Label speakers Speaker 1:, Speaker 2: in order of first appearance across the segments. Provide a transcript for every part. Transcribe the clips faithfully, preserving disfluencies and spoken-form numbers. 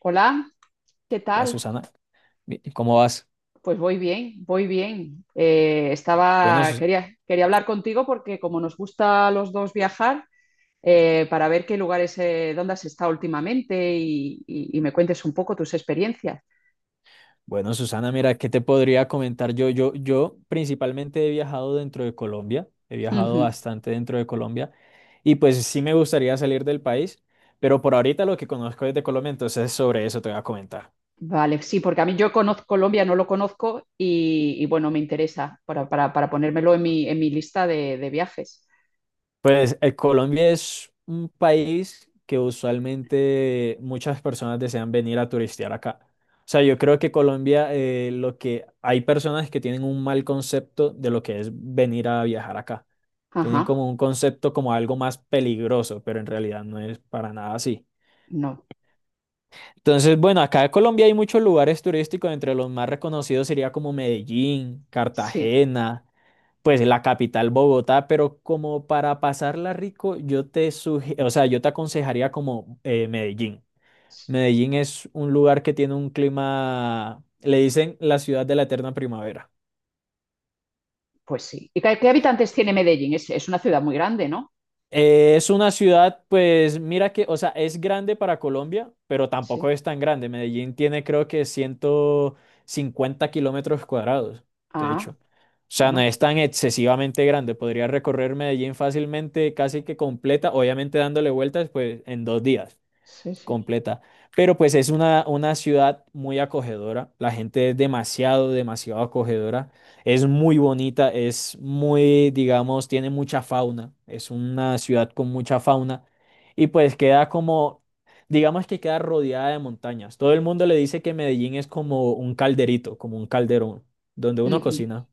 Speaker 1: Hola, ¿qué
Speaker 2: La
Speaker 1: tal?
Speaker 2: Susana, mi- ¿cómo vas?
Speaker 1: Pues voy bien, voy bien. Eh,
Speaker 2: Bueno,
Speaker 1: estaba,
Speaker 2: Sus-
Speaker 1: quería, quería hablar contigo porque como nos gusta a los dos viajar, eh, para ver qué lugares, eh, dónde has estado últimamente y, y- y me cuentes un poco tus experiencias.
Speaker 2: bueno, Susana, mira, ¿qué te podría comentar yo? Yo, yo principalmente he viajado dentro de Colombia, he viajado
Speaker 1: Ujú.
Speaker 2: bastante dentro de Colombia y pues sí me gustaría salir del país, pero por ahorita lo que conozco es de Colombia, entonces sobre eso te voy a comentar.
Speaker 1: Vale, sí, porque a mí yo conozco Colombia, no lo conozco y, y bueno, me interesa para, para- para ponérmelo en mi, en mi lista de, de viajes.
Speaker 2: Pues eh, Colombia es un país que usualmente muchas personas desean venir a turistear acá. O sea, yo creo que Colombia, eh, lo que hay personas que tienen un mal concepto de lo que es venir a viajar acá. Tienen
Speaker 1: Ajá,
Speaker 2: como un concepto como algo más peligroso, pero en realidad no es para nada así.
Speaker 1: no,
Speaker 2: Entonces, bueno, acá en Colombia hay muchos lugares turísticos, entre los más reconocidos sería como Medellín,
Speaker 1: sí,
Speaker 2: Cartagena, pues la capital Bogotá, pero como para pasarla rico, yo te sugi- o sea, yo te aconsejaría como eh, Medellín. Medellín es un lugar que tiene un clima, le dicen la ciudad de la eterna primavera.
Speaker 1: pues sí. ¿Y qué, qué habitantes tiene Medellín? Es, es una ciudad muy grande, ¿no?
Speaker 2: Eh, es una ciudad, pues mira que, o sea, es grande para Colombia, pero
Speaker 1: Sí.
Speaker 2: tampoco es tan grande. Medellín tiene creo que ciento cincuenta kilómetros cuadrados, de hecho.
Speaker 1: Ah,
Speaker 2: O sea, no
Speaker 1: bueno,
Speaker 2: es tan excesivamente grande. Podría recorrer Medellín fácilmente, casi que completa, obviamente dándole vueltas, pues en dos días
Speaker 1: sí, sí.
Speaker 2: completa. Pero pues es una, una ciudad muy acogedora, la gente es demasiado, demasiado acogedora, es muy bonita, es muy, digamos, tiene mucha fauna, es una ciudad con mucha fauna y pues queda como, digamos que queda rodeada de montañas. Todo el mundo le dice que Medellín es como un calderito, como un calderón, donde uno
Speaker 1: Ujú,
Speaker 2: cocina.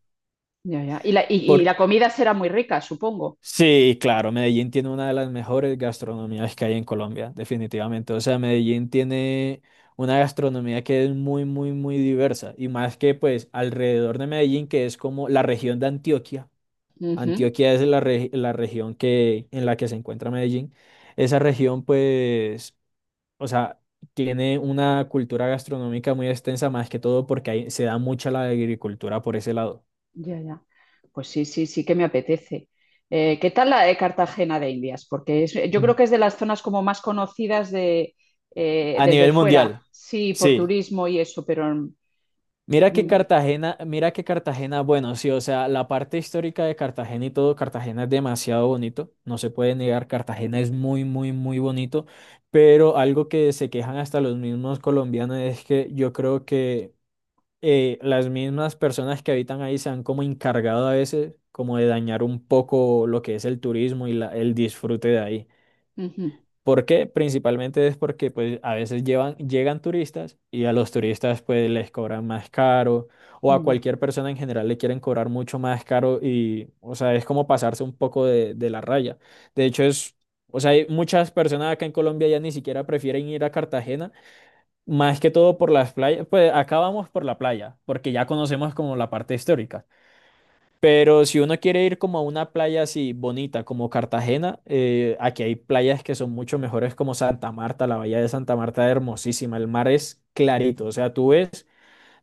Speaker 1: ya, ya. Y la, y, y
Speaker 2: Por,
Speaker 1: la comida será muy rica, supongo.
Speaker 2: Sí, claro, Medellín tiene una de las mejores gastronomías que hay en Colombia, definitivamente. O sea, Medellín tiene una gastronomía que es muy, muy, muy diversa. Y más que pues alrededor de Medellín, que es como la región de Antioquia.
Speaker 1: Ujú,
Speaker 2: Antioquia es la, re- la región que, en la que se encuentra Medellín. Esa región pues, o sea, tiene una cultura gastronómica muy extensa, más que todo porque ahí se da mucha la agricultura por ese lado.
Speaker 1: ya, ya. Pues sí, sí, sí que me apetece. Eh, ¿qué tal la de Cartagena de Indias? Porque es- yo
Speaker 2: Mm.
Speaker 1: creo que es de las zonas como más conocidas de, eh,
Speaker 2: A
Speaker 1: desde
Speaker 2: nivel
Speaker 1: fuera,
Speaker 2: mundial,
Speaker 1: sí, por
Speaker 2: sí.
Speaker 1: turismo y eso, pero...
Speaker 2: Mira que
Speaker 1: Mm,
Speaker 2: Cartagena, mira que Cartagena, bueno, sí, o sea, la parte histórica de Cartagena y todo, Cartagena es demasiado bonito, no se puede negar, Cartagena es muy, muy, muy bonito, pero algo que se quejan hasta los mismos colombianos es que yo creo que eh, las mismas personas que habitan ahí se han como encargado a veces como de dañar un poco lo que es el turismo y la- el disfrute de ahí.
Speaker 1: ujú,
Speaker 2: ¿Por qué? Principalmente es porque pues a veces llevan, llegan turistas y a los turistas pues les cobran más caro o a
Speaker 1: ujú.
Speaker 2: cualquier persona en general le quieren cobrar mucho más caro y o sea es como pasarse un poco de, de la raya. De hecho es, o sea hay muchas personas acá en Colombia ya ni siquiera prefieren ir a Cartagena más que todo por las playas, pues acá vamos por la playa porque ya conocemos como la parte histórica. Pero si uno quiere ir como a una playa así bonita como Cartagena, eh, aquí hay playas que son mucho mejores como Santa Marta, la bahía de Santa Marta es hermosísima, el mar es clarito, o sea, tú ves,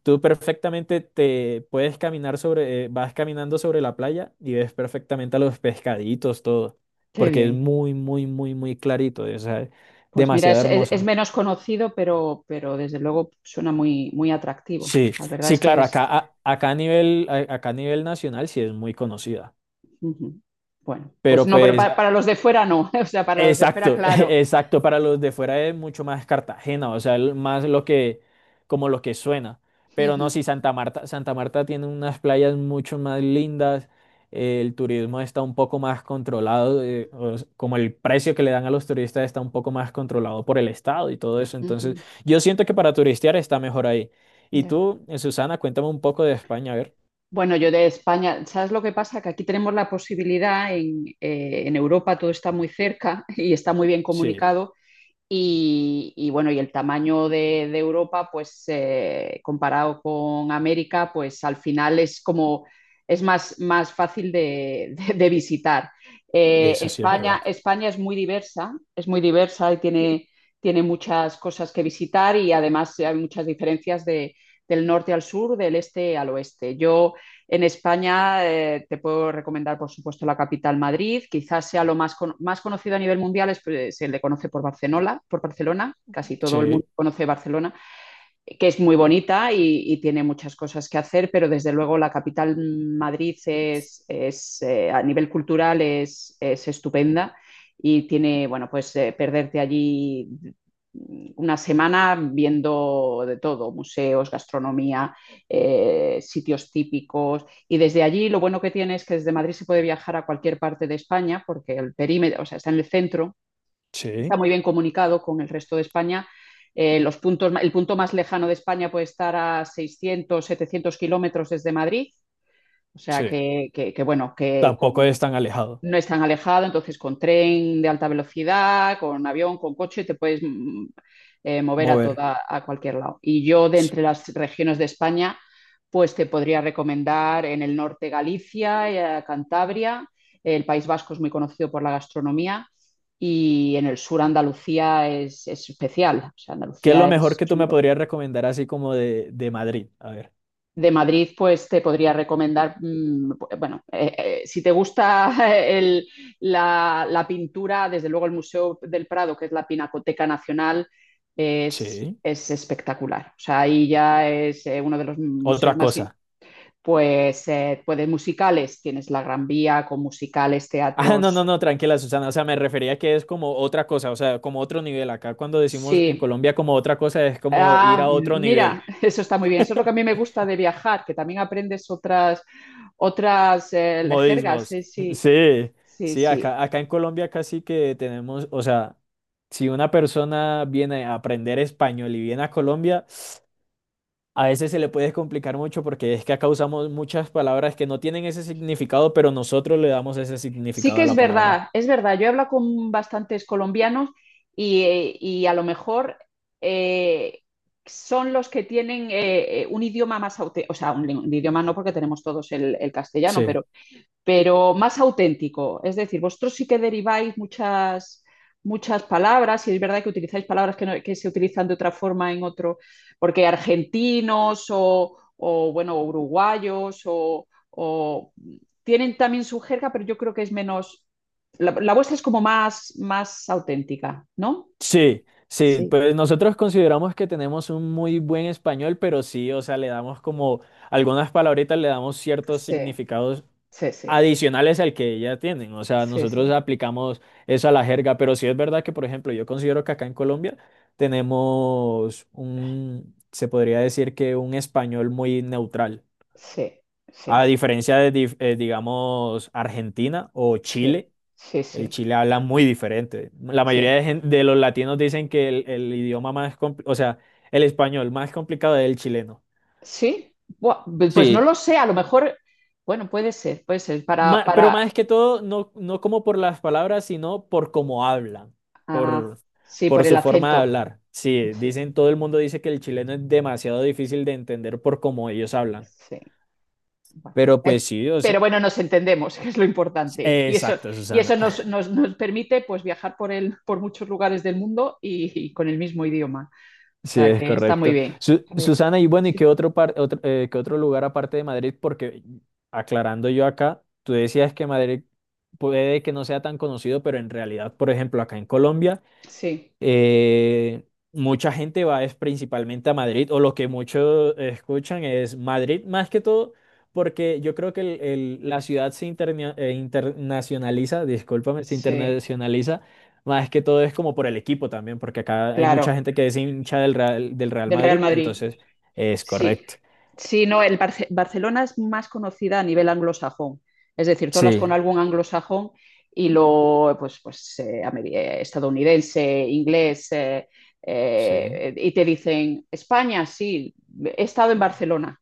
Speaker 2: tú perfectamente te puedes caminar sobre, eh, vas caminando sobre la playa y ves perfectamente a los pescaditos, todo,
Speaker 1: Qué
Speaker 2: porque es
Speaker 1: bien.
Speaker 2: muy, muy, muy, muy clarito, o sea, es
Speaker 1: Pues mira,
Speaker 2: demasiado
Speaker 1: es, es- es
Speaker 2: hermosa.
Speaker 1: menos conocido, pero, pero desde luego suena muy, muy atractivo.
Speaker 2: Sí,
Speaker 1: La verdad
Speaker 2: sí,
Speaker 1: es que
Speaker 2: claro,
Speaker 1: es,
Speaker 2: acá, a- acá a nivel, a- acá a nivel nacional sí es muy conocida.
Speaker 1: ujú. Bueno, pues
Speaker 2: Pero
Speaker 1: no, pero
Speaker 2: pues
Speaker 1: pa- para, los de fuera no, o sea, para los de fuera,
Speaker 2: Exacto,
Speaker 1: claro.
Speaker 2: exacto. Para los de fuera es mucho más Cartagena, o sea, el- más lo que, como lo que suena. Pero no,
Speaker 1: Ujú,
Speaker 2: sí, Santa Marta, Santa Marta tiene unas playas mucho más lindas. Eh, el turismo está un poco más controlado, eh, o s- como el precio que le dan a los turistas está un poco más controlado por el Estado y todo eso. Entonces,
Speaker 1: ujú,
Speaker 2: yo siento que para turistear está mejor ahí. Y
Speaker 1: ya.
Speaker 2: tú, eh, Susana, cuéntame un poco de España, a ver.
Speaker 1: Bueno, yo de España, ¿sabes lo que pasa? Que aquí tenemos la posibilidad, en, eh, en Europa todo está muy cerca y está muy bien
Speaker 2: Sí,
Speaker 1: comunicado. Y, y bueno, y el tamaño de, de Europa, pues eh, comparado con América, pues al final es como es más, más fácil de, de- de visitar. Eh,
Speaker 2: eso sí es
Speaker 1: España,
Speaker 2: verdad.
Speaker 1: España es muy diversa, es muy diversa y tiene, tiene muchas cosas que visitar y además hay muchas diferencias de- del norte al sur, del este al oeste. Yo en España eh, te puedo recomendar, por supuesto, la capital Madrid. Quizás sea lo más, con- más conocido a nivel mundial, es, pues, se le conoce por Barcelona, por Barcelona. Casi todo el mundo
Speaker 2: Sí,
Speaker 1: conoce Barcelona, que es muy bonita y, y, tiene muchas cosas que hacer, pero desde luego la capital Madrid es, es eh, a nivel cultural es, es, estupenda y tiene, bueno, pues eh, perderte allí una semana viendo de todo, museos, gastronomía, eh, sitios típicos. Y desde allí lo bueno que tiene es que desde Madrid se puede viajar a cualquier parte de España porque el perímetro, o sea, está en el centro, está
Speaker 2: sí,
Speaker 1: muy bien comunicado con el resto de España. Eh, los puntos, el punto más lejano de España puede estar a seiscientos, setecientos kilómetros desde Madrid, o sea
Speaker 2: sí.
Speaker 1: que, que, que bueno, que
Speaker 2: Tampoco
Speaker 1: con
Speaker 2: es tan alejado
Speaker 1: no es tan alejado, entonces con tren de alta velocidad, con avión, con coche, te puedes mm, eh, mover a
Speaker 2: mover.
Speaker 1: toda, a cualquier lado. Y yo de entre
Speaker 2: Sí.
Speaker 1: las regiones de España, pues te podría recomendar en el norte Galicia, eh, Cantabria, el País Vasco es muy conocido por la gastronomía y en el sur Andalucía es, es especial, o sea,
Speaker 2: ¿Qué es
Speaker 1: Andalucía
Speaker 2: lo mejor
Speaker 1: es,
Speaker 2: que tú me podrías recomendar así como de, de Madrid? A ver.
Speaker 1: de Madrid, pues te podría recomendar, mmm, bueno, eh, eh, si te gusta el, la, la, pintura, desde luego el Museo del Prado, que es la Pinacoteca Nacional, es,
Speaker 2: Sí.
Speaker 1: es espectacular. O sea, ahí ya es eh, uno de los museos
Speaker 2: Otra
Speaker 1: más...
Speaker 2: cosa.
Speaker 1: Pues, eh, pues de musicales, tienes la Gran Vía con musicales,
Speaker 2: Ah, no,
Speaker 1: teatros.
Speaker 2: no, no, tranquila, Susana. O sea, me refería que es como otra cosa, o sea, como otro nivel. Acá cuando decimos en
Speaker 1: Sí,
Speaker 2: Colombia como otra cosa es como ir
Speaker 1: ah,
Speaker 2: a otro
Speaker 1: mira,
Speaker 2: nivel.
Speaker 1: eso está muy bien. Eso es lo que a mí me gusta de viajar, que también aprendes otras, otras eh, jergas.
Speaker 2: Modismos.
Speaker 1: Sí, sí.
Speaker 2: Sí,
Speaker 1: Sí,
Speaker 2: sí,
Speaker 1: sí.
Speaker 2: acá, acá en Colombia casi que tenemos, o sea, si una persona viene a aprender español y viene a Colombia, a veces se le puede complicar mucho porque es que acá usamos muchas palabras que no tienen ese significado, pero nosotros le damos ese
Speaker 1: Sí
Speaker 2: significado
Speaker 1: que
Speaker 2: a
Speaker 1: es
Speaker 2: la palabra.
Speaker 1: verdad, es verdad. Yo he hablado con bastantes colombianos y, eh, y a lo mejor eh, son los que tienen eh, eh, un idioma más auténtico, o sea, un, un idioma no porque tenemos todos el, el castellano,
Speaker 2: Sí,
Speaker 1: pero pero más auténtico. Es decir, vosotros sí que deriváis muchas, muchas palabras y es verdad que utilizáis palabras que, no- que se utilizan de otra forma en otro, porque argentinos o, o, bueno, uruguayos o, o- tienen también su jerga, pero yo creo que es menos, la, la vuestra es como más, más auténtica, ¿no?
Speaker 2: sí, sí.
Speaker 1: Sí.
Speaker 2: Pues nosotros consideramos que tenemos un muy buen español, pero sí, o sea, le damos como algunas palabritas, le damos ciertos
Speaker 1: Sí,
Speaker 2: significados
Speaker 1: sí, sí,
Speaker 2: adicionales al que ya tienen. O sea,
Speaker 1: sí, sí,
Speaker 2: nosotros aplicamos eso a la jerga, pero sí es verdad que, por ejemplo, yo considero que acá en Colombia tenemos un, se podría decir que un español muy neutral.
Speaker 1: sí,
Speaker 2: A
Speaker 1: sí,
Speaker 2: diferencia de, dif- eh, digamos, Argentina o
Speaker 1: sí,
Speaker 2: Chile,
Speaker 1: sí,
Speaker 2: el
Speaker 1: sí,
Speaker 2: Chile habla muy diferente. La mayoría
Speaker 1: sí.
Speaker 2: de, gen- de los latinos dicen que el, el idioma más, compli- o sea, el español más complicado es el chileno.
Speaker 1: Sí, buah, pues pues no
Speaker 2: Sí,
Speaker 1: lo sé, a lo mejor, bueno, puede ser, puede ser, para,
Speaker 2: Ma- pero
Speaker 1: para,
Speaker 2: más que todo, no, no como por las palabras, sino por cómo hablan,
Speaker 1: ah,
Speaker 2: por,
Speaker 1: sí, por
Speaker 2: por
Speaker 1: el
Speaker 2: su forma de
Speaker 1: acento.
Speaker 2: hablar. Sí,
Speaker 1: Sí,
Speaker 2: dicen,
Speaker 1: sí,
Speaker 2: todo el mundo dice que el chileno es demasiado difícil de entender por cómo ellos hablan.
Speaker 1: sí, bueno.
Speaker 2: Pero
Speaker 1: Eh,
Speaker 2: pues sí, o
Speaker 1: pero
Speaker 2: sea,
Speaker 1: bueno, nos entendemos, que es lo
Speaker 2: s-
Speaker 1: importante. Y eso,
Speaker 2: exacto,
Speaker 1: y eso
Speaker 2: Susana.
Speaker 1: nos, nos- nos permite pues viajar por el, por muchos lugares del mundo y, y con el mismo idioma. O
Speaker 2: Sí,
Speaker 1: sea
Speaker 2: es
Speaker 1: que está muy
Speaker 2: correcto.
Speaker 1: bien.
Speaker 2: Su-
Speaker 1: Muy bien.
Speaker 2: Susana, y bueno, ¿y qué
Speaker 1: Sí,
Speaker 2: otro, par- otro, eh, qué otro lugar aparte de Madrid? Porque aclarando yo acá, tú decías que Madrid puede que no sea tan conocido, pero en realidad, por ejemplo, acá en Colombia.
Speaker 1: sí,
Speaker 2: Eh, mucha gente va es principalmente a Madrid, o lo que muchos escuchan es Madrid, más que todo, porque yo creo que el- el- la ciudad se interna- eh, internacionaliza, discúlpame, se
Speaker 1: sí,
Speaker 2: internacionaliza, más que todo es como por el equipo también, porque acá hay mucha
Speaker 1: claro,
Speaker 2: gente que es hincha del Real, del Real
Speaker 1: del Real
Speaker 2: Madrid,
Speaker 1: Madrid.
Speaker 2: entonces es
Speaker 1: Sí,
Speaker 2: correcto.
Speaker 1: sí, no, el Barce- Barcelona es más conocida a nivel anglosajón, es decir, todas las
Speaker 2: Sí,
Speaker 1: con algún anglosajón y lo, pues, pues eh, ameri- eh, estadounidense, inglés, eh,
Speaker 2: sí.
Speaker 1: eh, y te dicen, España, sí, he estado en Barcelona,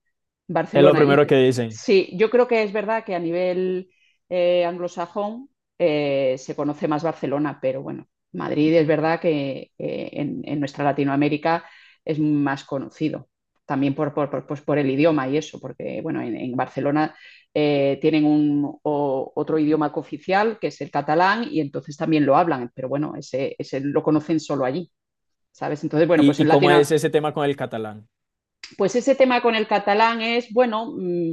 Speaker 2: Es lo
Speaker 1: Barcelona, y
Speaker 2: primero que dicen.
Speaker 1: sí, yo creo que es verdad que a nivel eh, anglosajón eh, se conoce más Barcelona, pero bueno, Madrid es verdad que eh, en en nuestra Latinoamérica es más conocido también por, por, por, pues por, el idioma y eso, porque bueno, en, en Barcelona eh, tienen un, o, otro idioma cooficial que es el catalán y entonces también lo hablan, pero bueno, ese, ese lo conocen solo allí, ¿sabes? Entonces, bueno, pues
Speaker 2: ¿Y, y
Speaker 1: en
Speaker 2: cómo
Speaker 1: Latino,
Speaker 2: es ese tema con el catalán?
Speaker 1: pues ese tema con el catalán es, bueno, mm,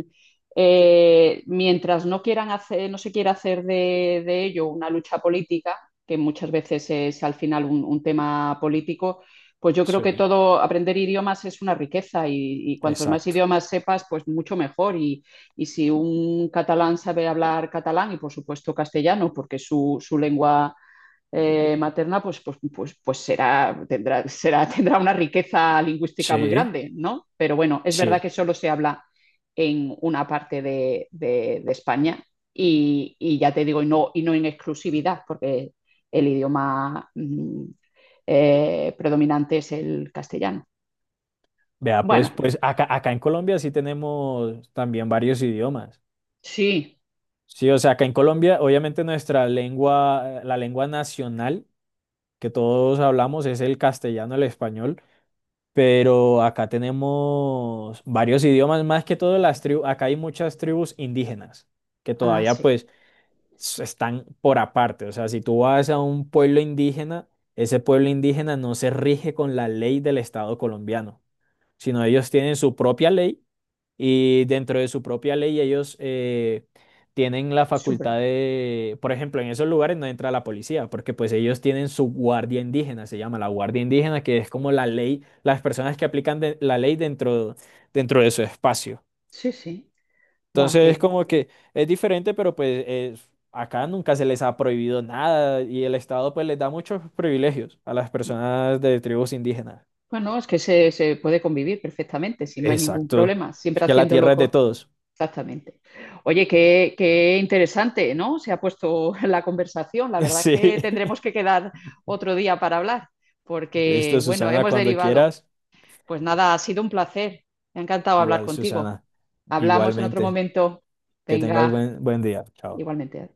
Speaker 1: eh, mientras no, quieran hacer, no se quiera hacer de, de, ello una lucha política, que muchas veces es al final un, un, tema político, pues yo creo
Speaker 2: Sí,
Speaker 1: que todo aprender idiomas es una riqueza y, y cuantos más
Speaker 2: exacto.
Speaker 1: idiomas sepas, pues mucho mejor. Y, y, si un catalán sabe hablar catalán y por supuesto castellano, porque es su, su lengua eh, materna, pues, pues, pues, pues será, tendrá, será, tendrá una riqueza lingüística muy
Speaker 2: Sí,
Speaker 1: grande, ¿no? Pero bueno, es verdad
Speaker 2: sí.
Speaker 1: que solo se habla en una parte de, de, de España y, y, ya te digo, y no, y no en exclusividad, porque el idioma mm, eh, predominante es el castellano.
Speaker 2: Vea, pues,
Speaker 1: Bueno,
Speaker 2: pues acá, acá en Colombia sí tenemos también varios idiomas.
Speaker 1: sí,
Speaker 2: Sí, o sea, acá en Colombia, obviamente nuestra lengua, la lengua nacional que todos hablamos es el castellano, el español, pero acá tenemos varios idiomas, más que todo las tribus, acá hay muchas tribus indígenas que
Speaker 1: ah,
Speaker 2: todavía
Speaker 1: sí,
Speaker 2: pues s- están por aparte. O sea, si tú vas a un pueblo indígena, ese pueblo indígena no se rige con la ley del Estado colombiano, sino ellos tienen su propia ley. Y dentro de su propia ley ellos eh, tienen la
Speaker 1: súper,
Speaker 2: facultad de, por ejemplo, en esos lugares no entra la policía, porque pues ellos tienen su guardia indígena, se llama la guardia indígena, que es como la ley, las personas que aplican de- la ley dentro, dentro de su espacio.
Speaker 1: sí, sí, guau,
Speaker 2: Entonces es
Speaker 1: que...
Speaker 2: como que es diferente, pero pues es- acá nunca se les ha prohibido nada y el Estado pues les da muchos privilegios a las personas de tribus indígenas.
Speaker 1: Bueno, es que se, se, puede convivir perfectamente, si no hay ningún
Speaker 2: Exacto.
Speaker 1: problema, siempre
Speaker 2: Que la
Speaker 1: haciéndolo
Speaker 2: tierra es de
Speaker 1: con,
Speaker 2: todos.
Speaker 1: exactamente. Oye, qué, qué, interesante, ¿no? Se ha puesto la conversación. La verdad es
Speaker 2: Sí.
Speaker 1: que tendremos que quedar otro día para hablar,
Speaker 2: Listo,
Speaker 1: porque, bueno,
Speaker 2: Susana,
Speaker 1: hemos
Speaker 2: cuando
Speaker 1: derivado.
Speaker 2: quieras.
Speaker 1: Pues nada, ha sido un placer. Me ha encantado hablar
Speaker 2: Igual,
Speaker 1: contigo.
Speaker 2: Susana.
Speaker 1: Hablamos en otro
Speaker 2: Igualmente.
Speaker 1: momento.
Speaker 2: Que tengas
Speaker 1: Venga,
Speaker 2: buen, buen día. Chao.
Speaker 1: igualmente.